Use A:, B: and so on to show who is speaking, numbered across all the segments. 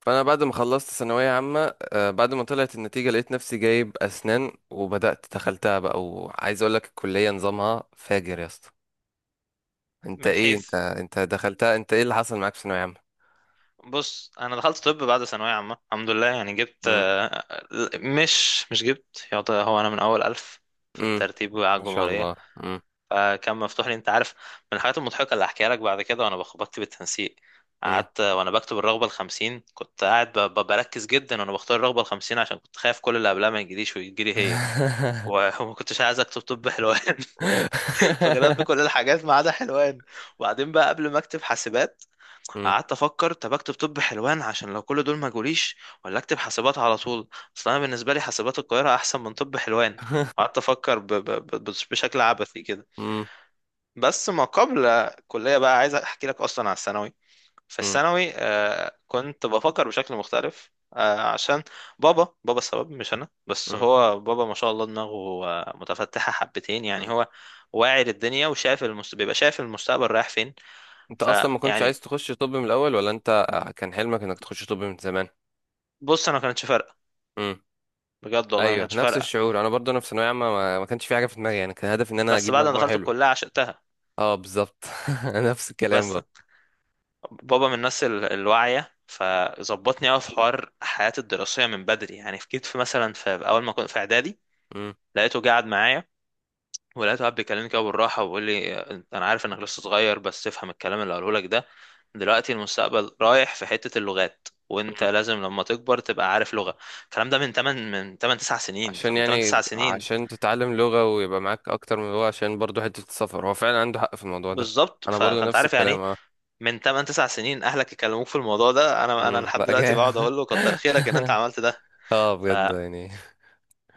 A: فانا بعد ما خلصت ثانويه عامه بعد ما طلعت النتيجه لقيت نفسي جايب اسنان وبدات دخلتها بقى، وعايز اقول لك الكليه نظامها فاجر يا اسطى.
B: من
A: انت
B: حيث.
A: انت دخلتها؟ انت ايه اللي حصل معاك في ثانويه عامه؟
B: بص، انا دخلت طب بعد ثانويه عامه الحمد لله. يعني جبت،
A: امم.
B: مش جبت يعطى، هو انا من اول الف في
A: امم.
B: الترتيب على
A: ما شاء
B: الجمهوريه.
A: الله. امم.
B: فكان مفتوح لي. انت عارف من الحاجات المضحكه اللي هحكيها لك بعد كده، وانا بكتب التنسيق.
A: امم.
B: قعدت وانا بكتب الرغبه الخمسين، كنت قاعد بركز جدا وانا بختار الرغبه الخمسين عشان كنت خايف كل اللي قبلها ما يجيليش ويجيلي هي. وما كنتش عايز اكتب طب حلوان. فكتبت كل الحاجات ما عدا حلوان. وبعدين بقى قبل ما اكتب حاسبات،
A: امم.
B: قعدت افكر، طب اكتب طب حلوان عشان لو كل دول ما جوليش، ولا اكتب حاسبات على طول. اصل انا بالنسبه لي حاسبات القاهره احسن من طب حلوان. قعدت افكر بشكل عبثي كده.
A: امم.
B: بس ما قبل الكليه بقى، عايز احكي لك اصلا على الثانوي. في
A: امم.
B: الثانوي آه كنت بفكر بشكل مختلف آه، عشان بابا السبب، مش انا بس، هو بابا ما شاء الله دماغه متفتحه حبتين. يعني
A: امم.
B: هو واعي للدنيا وشايف بيبقى شايف المستقبل رايح فين.
A: انت اصلا ما كنتش
B: فيعني
A: عايز تخش طب من الاول، ولا انت كان حلمك انك تخش طب من زمان؟
B: بص انا ما كانتش فارقه، بجد والله ما
A: ايوه،
B: كانتش
A: نفس
B: فارقه.
A: الشعور. انا برضو انا في ثانويه عامه ما كانش في حاجه في دماغي، يعني كان هدفي ان انا
B: بس
A: اجيب
B: بعد ما
A: مجموع
B: دخلت
A: حلو.
B: الكليه عشقتها.
A: اه بالظبط. نفس الكلام
B: بس
A: برضو.
B: بابا من الناس الواعيه، فظبطني قوي في حوار حياتي الدراسيه من بدري. يعني كنت في مثلا في اول ما كنت في اعدادي
A: مم.
B: لقيته قاعد معايا، ولقيته قاعد بيكلمني كده بالراحه وبيقول لي انا عارف انك لسه صغير بس تفهم الكلام اللي قاله لك ده. دلوقتي المستقبل رايح في حته اللغات، وانت
A: مم.
B: لازم لما تكبر تبقى عارف لغه. الكلام ده من 8، من 8 9 سنين.
A: عشان
B: فمن 8
A: يعني
B: 9 سنين
A: عشان تتعلم لغه ويبقى معاك اكتر من لغه، عشان برضو حته السفر، هو فعلا عنده حق في الموضوع ده.
B: بالظبط.
A: انا برضو
B: فانت
A: نفس
B: عارف يعني
A: الكلام
B: ايه
A: اه.
B: من 8 9 سنين اهلك يكلموك في الموضوع ده. انا
A: امم،
B: لحد
A: بقى
B: دلوقتي بقعد
A: جامد.
B: اقول له كتر خيرك ان انت عملت ده.
A: اه بجد
B: فقلت
A: يعني.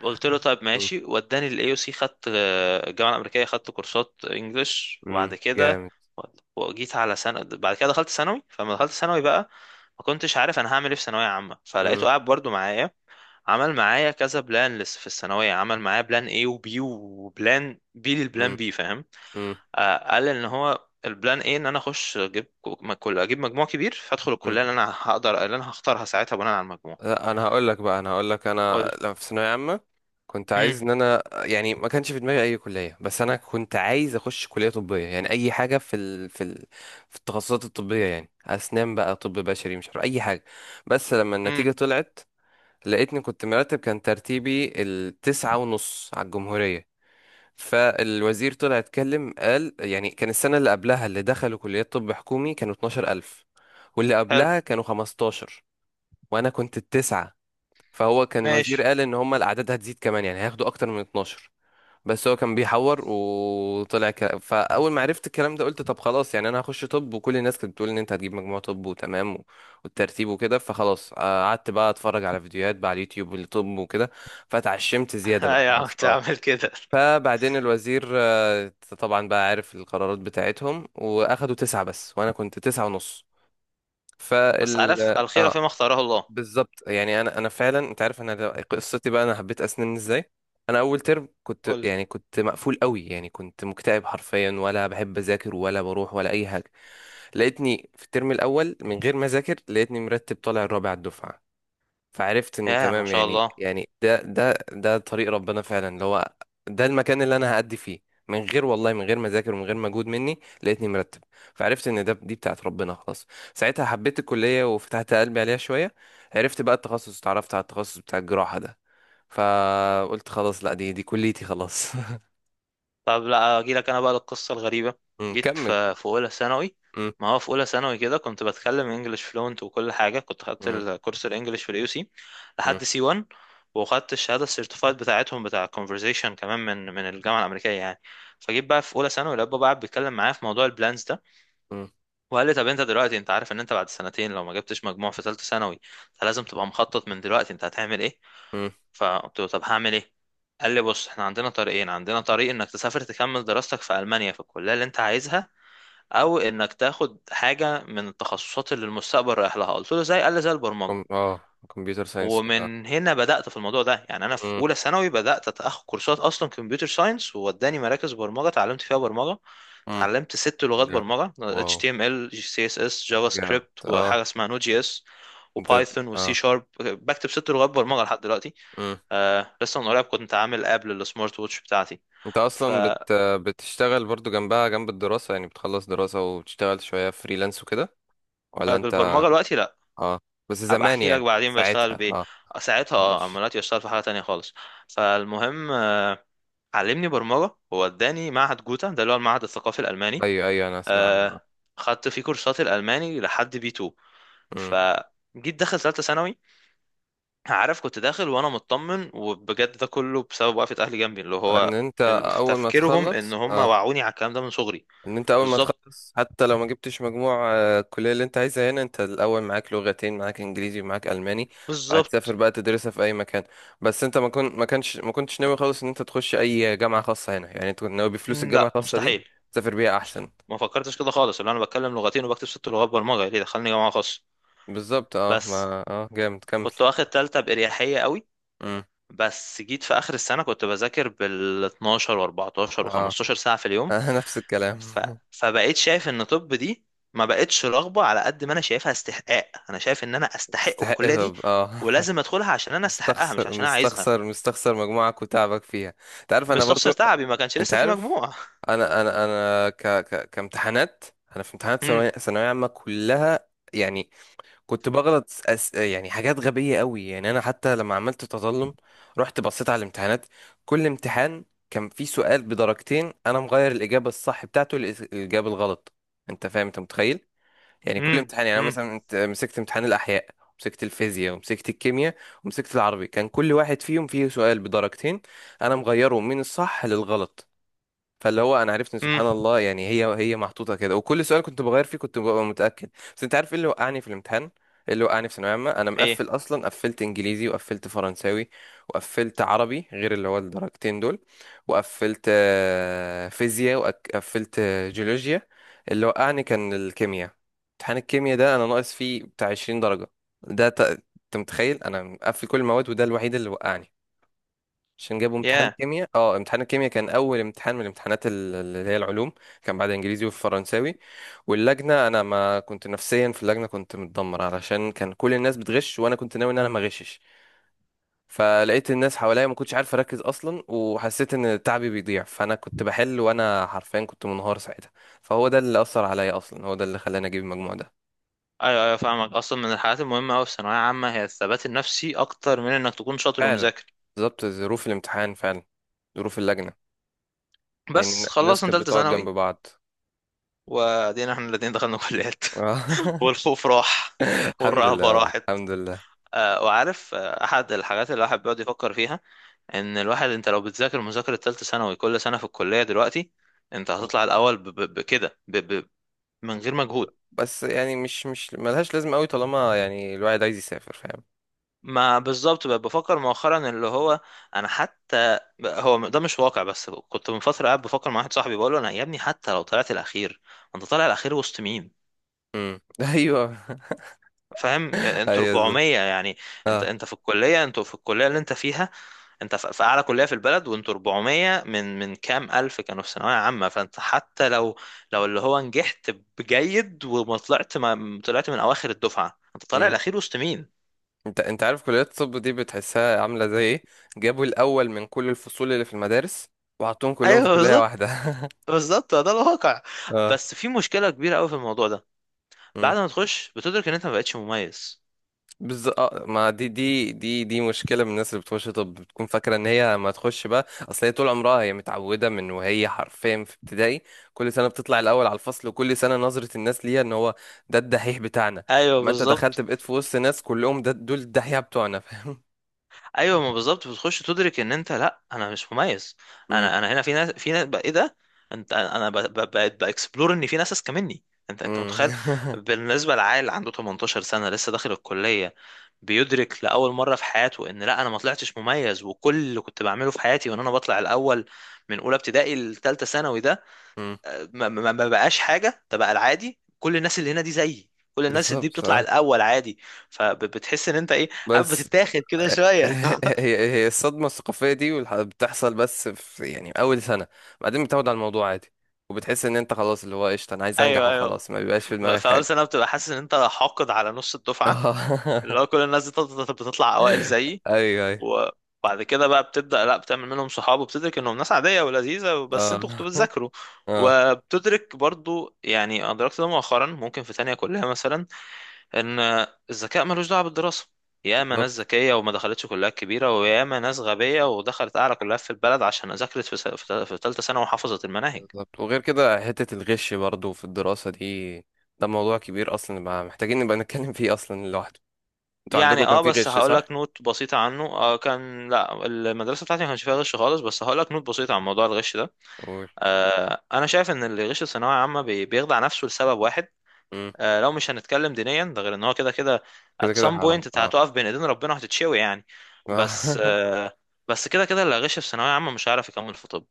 B: له طيب
A: مم.
B: ماشي. وداني الاي او سي، خدت الجامعه الامريكيه، خدت كورسات انجلش،
A: مم.
B: وبعد كده
A: جامد.
B: وجيت على سنه. بعد كده دخلت ثانوي. فلما دخلت ثانوي بقى، ما كنتش عارف انا هعمل ايه في ثانويه عامه.
A: مم.
B: فلقيته قاعد برضو معايا. عمل معايا كذا بلان لسه في الثانويه، عمل معايا بلان اي وبي، وبلان بي للبلان
A: مم.
B: بي، فاهم؟ آه، قال ان هو البلان ايه، ان انا اخش اجيب كو- ما- كل اجيب مجموع كبير، فادخل
A: مم.
B: الكليه اللي انا هقدر اللي انا هختارها ساعتها بناء على المجموع.
A: لا، انا هقول لك انا
B: قلت،
A: لما في ثانويه عامه كنت
B: امم،
A: عايز ان انا، يعني ما كانش في دماغي اي كليه، بس انا كنت عايز اخش كليه طبيه، يعني اي حاجه في التخصصات الطبيه، يعني اسنان بقى، طب بشري، مش عارف اي حاجه. بس لما
B: امم،
A: النتيجه طلعت لقيتني كنت مرتب، كان ترتيبي التسعة ونص على الجمهوريه. فالوزير طلع اتكلم قال، يعني كان السنه اللي قبلها اللي دخلوا كليات طب حكومي كانوا 12,000، واللي
B: حلو،
A: قبلها كانوا 15، وانا كنت التسعة. فهو كان الوزير
B: ماشي.
A: قال ان هم الاعداد هتزيد كمان، يعني هياخدوا اكتر من 12. بس هو كان بيحور وطلع فاول ما عرفت الكلام ده قلت طب خلاص، يعني انا هخش طب، وكل الناس كانت بتقول ان انت هتجيب مجموع طب وتمام والترتيب وكده، فخلاص قعدت بقى اتفرج على فيديوهات بقى على اليوتيوب للطب وكده، فتعشمت زيادة بقى
B: ايوه،
A: خلاص
B: كنت
A: اه.
B: عامل كده.
A: فبعدين الوزير طبعا بقى عارف القرارات بتاعتهم، واخدوا تسعة بس، وانا كنت تسعة ونص.
B: بس
A: فال
B: عارف الخيره
A: اه
B: فيما اختاره الله.
A: بالظبط، يعني انا فعلا انت عارف، انا قصتي بقى انا حبيت اسنان ازاي. انا اول ترم كنت،
B: قلت
A: يعني كنت مقفول قوي، يعني كنت مكتئب حرفيا، ولا بحب اذاكر ولا بروح ولا اي حاجه. لقيتني في الترم الاول من غير ما اذاكر، لقيتني مرتب طالع الرابع على الدفعه. فعرفت ان
B: يا ما
A: تمام،
B: شاء
A: يعني
B: الله.
A: يعني ده طريق ربنا فعلا، اللي هو ده المكان اللي انا هأدي فيه. من غير والله، من غير ما اذاكر ومن غير مجهود مني، لقيتني مرتب. فعرفت ان ده، دي بتاعت ربنا خلاص. ساعتها حبيت الكلية وفتحت قلبي عليها شوية، عرفت بقى التخصص، اتعرفت على التخصص بتاع الجراحة ده. فقلت خلاص لا، دي كليتي خلاص.
B: طب لا اجي لك انا بقى للقصه الغريبه.
A: أمم،
B: جيت
A: كمل.
B: في اولى ثانوي.
A: أمم.
B: ما هو في اولى ثانوي كده كنت بتكلم انجلش فلونت وكل حاجه. كنت خدت
A: أمم.
B: الكورس الانجليش في اليو سي
A: أمم.
B: لحد سي 1، وخدت الشهاده السيرتيفايد بتاعتهم بتاع conversation كمان من الجامعه الامريكيه يعني. فجيت بقى في اولى ثانوي، الاب بقى قاعد بيتكلم معايا في موضوع البلانز ده،
A: أمم.
B: وقال لي طب انت دلوقتي انت عارف ان انت بعد سنتين لو ما جبتش مجموع في ثالثه ثانوي، فلازم تبقى مخطط من دلوقتي انت هتعمل ايه.
A: أمم.
B: فقلت له طب هعمل ايه؟ قال لي بص، احنا عندنا طريقين، عندنا طريق انك تسافر تكمل دراستك في المانيا في الكليه اللي انت عايزها، او انك تاخد حاجه من التخصصات اللي المستقبل رايح لها. قلت له زي، قال لي زي البرمجه.
A: كمبيوتر ساينس كده.
B: ومن هنا بدأت في الموضوع ده. يعني انا في
A: أمم.
B: اولى ثانوي بدأت اخد كورسات اصلا كمبيوتر ساينس، ووداني مراكز برمجة اتعلمت فيها برمجة.
A: أمم،
B: اتعلمت ست لغات
A: جامد.
B: برمجة،
A: واو.
B: HTML، CSS، جافا
A: جامد
B: سكريبت، وحاجة
A: اه.
B: اسمها نود جي اس،
A: ده
B: وبايثون، وسي
A: اه،
B: شارب. بكتب ست لغات برمجة لحد دلوقتي. آه لسه من قريب كنت عامل اب للسمارت ووتش بتاعتي.
A: انت اصلا بتشتغل برضو جنبها، جنب الدراسة، يعني بتخلص دراسة وبتشتغل شوية فريلانس وكده، ولا انت؟
B: فبالبرمجة دلوقتي لا،
A: اه بس
B: ابقى
A: زمان
B: احكي لك
A: يعني
B: بعدين بشتغل
A: ساعتها
B: بايه.
A: اه.
B: ساعتها اه، اما
A: ماشي.
B: دلوقتي بشتغل في حاجة تانية خالص. فالمهم علمني برمجة، ووداني معهد جوتا ده اللي هو المعهد الثقافي الألماني.
A: ايوه ايوه، انا اسمع عنه اه.
B: آه، خدت فيه كورسات الألماني لحد بي 2.
A: امم.
B: فجيت داخل ثالثة ثانوي. عارف كنت داخل وأنا مطمن، وبجد ده كله بسبب وقفة أهلي جنبي، اللي
A: ان
B: هو
A: انت
B: في
A: اول ما
B: تفكيرهم إن
A: تخلص
B: هم
A: اه
B: وعوني على الكلام ده من صغري.
A: ان انت اول ما
B: بالظبط،
A: تخلص حتى لو ما جبتش مجموع الكلية اللي انت عايزها هنا انت الاول، معاك لغتين، معاك انجليزي ومعاك الماني، وهتسافر
B: بالظبط.
A: بقى تدرسها في اي مكان. بس انت ما كنتش ناوي خالص ان انت تخش اي جامعة خاصة هنا، يعني انت كنت ناوي بفلوس
B: مم،
A: الجامعة
B: لا
A: الخاصة دي
B: مستحيل.
A: تسافر بيها
B: مستحيل،
A: احسن.
B: ما فكرتش كده خالص. اللي أنا بتكلم لغتين وبكتب ست لغات برمجة، ليه دخلني جامعة خاصة؟
A: بالظبط اه،
B: بس
A: ما اه، جامد، كمل.
B: كنت واخد تالتة بإريحية قوي.
A: امم
B: بس جيت في اخر السنه كنت بذاكر بال 12 و14 و15
A: اه.
B: ساعه في اليوم.
A: نفس الكلام.
B: ف... فبقيت شايف ان طب دي ما بقتش رغبه على قد ما انا شايفها استحقاق. انا شايف ان انا استحق
A: تستحق
B: الكليه دي،
A: طب اه.
B: ولازم ادخلها عشان انا استحقها، مش
A: مستخسر
B: عشان انا عايزها.
A: مستخسر مستخسر مجموعك وتعبك فيها. انت عارف انا
B: مستخسر
A: برضو،
B: تعبي، ما كانش
A: انت
B: لسه في
A: عارف.
B: مجموع.
A: انا كامتحانات. انا في امتحانات
B: امم،
A: ثانوية عامة كلها، يعني كنت بغلط يعني حاجات غبية قوي. يعني أنا حتى لما عملت تظلم رحت بصيت على الامتحانات، كل امتحان كان فيه سؤال بدرجتين أنا مغير الإجابة الصح بتاعته للإجابة الغلط. أنت فاهم؟ أنت متخيل؟ يعني كل
B: امم،
A: امتحان، يعني أنا
B: امم،
A: مثلا مسكت امتحان الأحياء، ومسكت الفيزياء، ومسكت الكيمياء، ومسكت العربي، كان كل واحد فيهم فيه سؤال بدرجتين أنا مغيره من الصح للغلط. فاللي هو انا عرفت ان
B: امم،
A: سبحان الله، يعني هي محطوطه كده، وكل سؤال كنت بغير فيه كنت ببقى متاكد. بس انت عارف ايه اللي وقعني في الامتحان، إيه اللي وقعني في ثانويه عامه؟ انا
B: ايه
A: مقفل اصلا، قفلت انجليزي وقفلت فرنساوي وقفلت عربي غير اللي هو الدرجتين دول، وقفلت فيزياء وقفلت جيولوجيا. اللي وقعني كان الكيمياء. امتحان الكيمياء ده انا ناقص فيه بتاع 20 درجه. ده انت متخيل انا مقفل كل المواد وده الوحيد اللي وقعني. عشان جابوا امتحان
B: يا.
A: كيمياء، اه امتحان الكيمياء كان اول امتحان من الامتحانات اللي هي العلوم. كان بعد انجليزي والفرنساوي، واللجنه انا ما كنت نفسيا في اللجنه، كنت متدمر علشان كان كل الناس بتغش وانا كنت ناوي ان انا ما اغشش. فلقيت الناس حواليا ما كنتش عارف اركز اصلا، وحسيت ان تعبي بيضيع، فانا كنت بحل وانا حرفيا كنت منهار ساعتها. فهو ده اللي اثر عليا اصلا، هو ده اللي خلاني اجيب المجموع ده.
B: ايوه ايوه فاهمك. اصلا من الحاجات المهمه قوي في ثانويه عامه هي الثبات النفسي اكتر من انك تكون شاطر
A: فعلا.
B: ومذاكر.
A: بالظبط، ظروف الامتحان فعلا، ظروف اللجنه، يعني
B: بس
A: الناس
B: خلصنا
A: كانت
B: ثالثه
A: بتقعد جنب
B: ثانوي،
A: بعض.
B: وادينا احنا الاتنين دخلنا كليات. والخوف راح،
A: الحمد لله،
B: والرهبة
A: والله
B: راحت.
A: الحمد لله.
B: وعارف أحد الحاجات اللي الواحد بيقعد يفكر فيها، إن الواحد أنت لو بتذاكر مذاكرة تالتة ثانوي كل سنة في الكلية دلوقتي أنت هتطلع الأول بكده من غير مجهود.
A: بس يعني مش مش ملهاش لازمة قوي طالما يعني الواحد عايز يسافر، فاهم؟
B: ما بالظبط، بقى بفكر مؤخرا اللي هو، أنا حتى، هو ده مش واقع. بس كنت من فترة قاعد بفكر مع واحد صاحبي بقول له أنا يا ابني، حتى لو طلعت الأخير، أنت طالع الأخير وسط مين؟
A: امم. ايوه
B: فاهم انتوا
A: ايوه، بالظبط
B: 400 يعني. انت
A: اه.
B: انت في الكليه، انتوا في الكليه اللي انت فيها، انت في اعلى كليه في البلد، وانتوا 400 من كام الف كانوا في ثانويه عامه. فانت حتى لو، لو اللي هو نجحت بجيد وما طلعت، ما طلعت من اواخر الدفعه، انت طالع
A: امم.
B: الاخير وسط مين.
A: انت انت عارف كليات الطب دي بتحسها عاملة زي ايه؟ جابوا الاول من كل الفصول اللي في المدارس وحطوهم كلهم في
B: ايوه
A: كلية واحدة.
B: بالظبط. بالظبط ده الواقع.
A: اه.
B: بس في مشكله كبيره قوي في الموضوع ده، بعد ما تخش بتدرك ان انت ما بقتش مميز.
A: بز... آه، ما دي مشكله من الناس اللي بتخش طب، بتكون فاكره ان هي ما تخش بقى، اصل هي طول عمرها هي متعوده من وهي حرفيا في ابتدائي كل سنه بتطلع الاول على الفصل، وكل سنه نظره الناس ليها ان هو ده الدحيح بتاعنا.
B: ايوه
A: اما انت دخلت
B: بالظبط.
A: بقيت في وسط ناس كلهم ده دول الدحيح بتوعنا، فاهم؟
B: ايوه ما بالظبط، بتخش تدرك ان انت، لا انا مش مميز.
A: امم.
B: انا هنا في ناس، في ناس بقى ايه ده. انت انا بقيت باكسبلور ان في ناس اذكى مني. انت متخيل،
A: امم.
B: بالنسبه لعيل عنده 18 سنه لسه داخل الكليه، بيدرك لاول مره في حياته ان لا انا ما طلعتش مميز، وكل اللي كنت بعمله في حياتي وان انا بطلع الاول من اولى ابتدائي لثالثه ثانوي ده ما بقاش حاجه. ده بقى العادي، كل الناس اللي هنا دي زيي، كل الناس دي
A: بالظبط
B: بتطلع
A: اه.
B: الاول عادي. فبتحس ان انت ايه عارف،
A: بس
B: بتتاخد كده شويه.
A: هي هي هي الصدمة الثقافية دي بتحصل بس في يعني أول سنة، بعدين بتاخد على الموضوع عادي، وبتحس إن أنت خلاص، اللي هو قشطة، أنا عايز أنجح
B: ايوه ايوه.
A: وخلاص، ما بيبقاش في دماغك
B: فاول
A: حاجة.
B: سنه بتبقى حاسس ان انت حاقد على نص الدفعه،
A: اه.
B: اللي هو كل الناس بتطلع اوائل زيي.
A: أيوه أيوه.
B: وبعد كده بقى بتبدا لا، بتعمل منهم صحاب وبتدرك انهم ناس عاديه ولذيذه، بس
A: اه.
B: انتوا كنتوا بتذاكروا.
A: اه
B: وبتدرك برضو يعني، ادركت ده مؤخرا ممكن في تانية كلها مثلا، ان الذكاء ملوش دعوه بالدراسه. ياما ناس
A: بالظبط.
B: ذكيه وما دخلتش كليات كبيره، وياما ناس غبيه ودخلت اعلى كليات في البلد عشان ذاكرت في في تالتة ثانوي وحفظت المناهج.
A: بالظبط، وغير كده حتة الغش برضو في الدراسة دي، ده موضوع كبير أصلا بقى محتاجين نبقى نتكلم فيه أصلا لوحده. أنتوا عندكم
B: يعني
A: كان
B: اه،
A: في
B: بس
A: غش
B: هقول لك
A: صح؟
B: نوت بسيطة عنه. آه، كان لا المدرسة بتاعتي ما كانش فيها غش خالص. بس هقول لك نوت بسيطة عن موضوع الغش ده.
A: قول.
B: آه، انا شايف ان اللي غش الثانوية عامة بيخدع نفسه لسبب واحد.
A: مم.
B: آه، لو مش هنتكلم دينيا، ده غير ان هو كده كده at
A: كده كده
B: some point
A: حرام
B: انت
A: اه.
B: هتقف بين ايدين ربنا وهتتشوي يعني. بس آه، بس كده كده اللي غش في ثانوية عامة مش هيعرف يكمل في طب،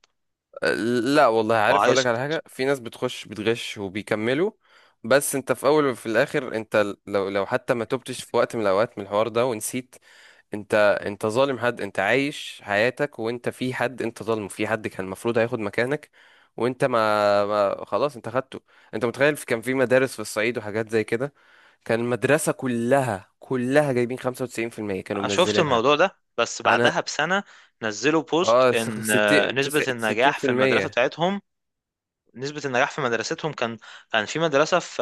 A: لا والله، عارف اقول لك على
B: وهيسقط.
A: حاجه، في ناس بتخش بتغش وبيكملوا. بس انت في اول وفي الاخر انت لو حتى ما تبتش في وقت من الاوقات من الحوار ده ونسيت، انت انت ظالم حد، انت عايش حياتك وانت في حد انت ظالمه، في حد كان المفروض هياخد مكانك، وانت ما خلاص انت خدته. انت متخيل كان في مدارس في الصعيد وحاجات زي كده، كان المدرسه كلها كلها جايبين 95%، كانوا
B: انا شفت
A: منزلينها.
B: الموضوع ده بس
A: انا
B: بعدها بسنة، نزلوا
A: اه،
B: بوست ان
A: 60
B: نسبة النجاح في المدرسة
A: 60%.
B: بتاعتهم، نسبة النجاح في مدرستهم كان، كان في مدرسة في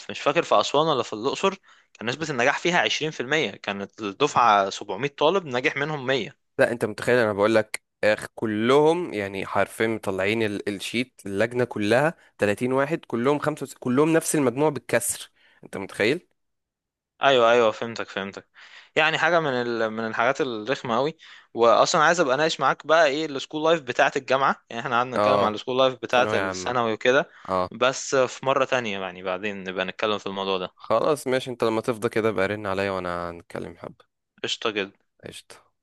B: مش فاكر في أسوان ولا في الأقصر، كان نسبة النجاح فيها 20%، كانت الدفعة 700 طالب نجح منهم 100.
A: لا انت متخيل، انا بقول لك اخ، كلهم يعني حرفيا مطلعين الشيت، اللجنه كلها 30 واحد، كلهم نفس المجموع بالكسر. انت متخيل؟
B: أيوه أيوه فهمتك فهمتك. يعني حاجة من من الحاجات الرخمة أوي. وأصلا عايز أبقى أناقش معاك بقى إيه السكول لايف بتاعة الجامعة، يعني إحنا قعدنا نتكلم
A: اه.
B: عن السكول لايف بتاعة
A: ثانويه عامه.
B: الثانوي وكده.
A: اه.
B: بس في مرة تانية يعني، بعدين نبقى نتكلم في الموضوع ده.
A: خلاص ماشي، انت لما تفضى كده بقى رن عليا وانا هنتكلم حبه.
B: قشطة جدا.
A: قشطه.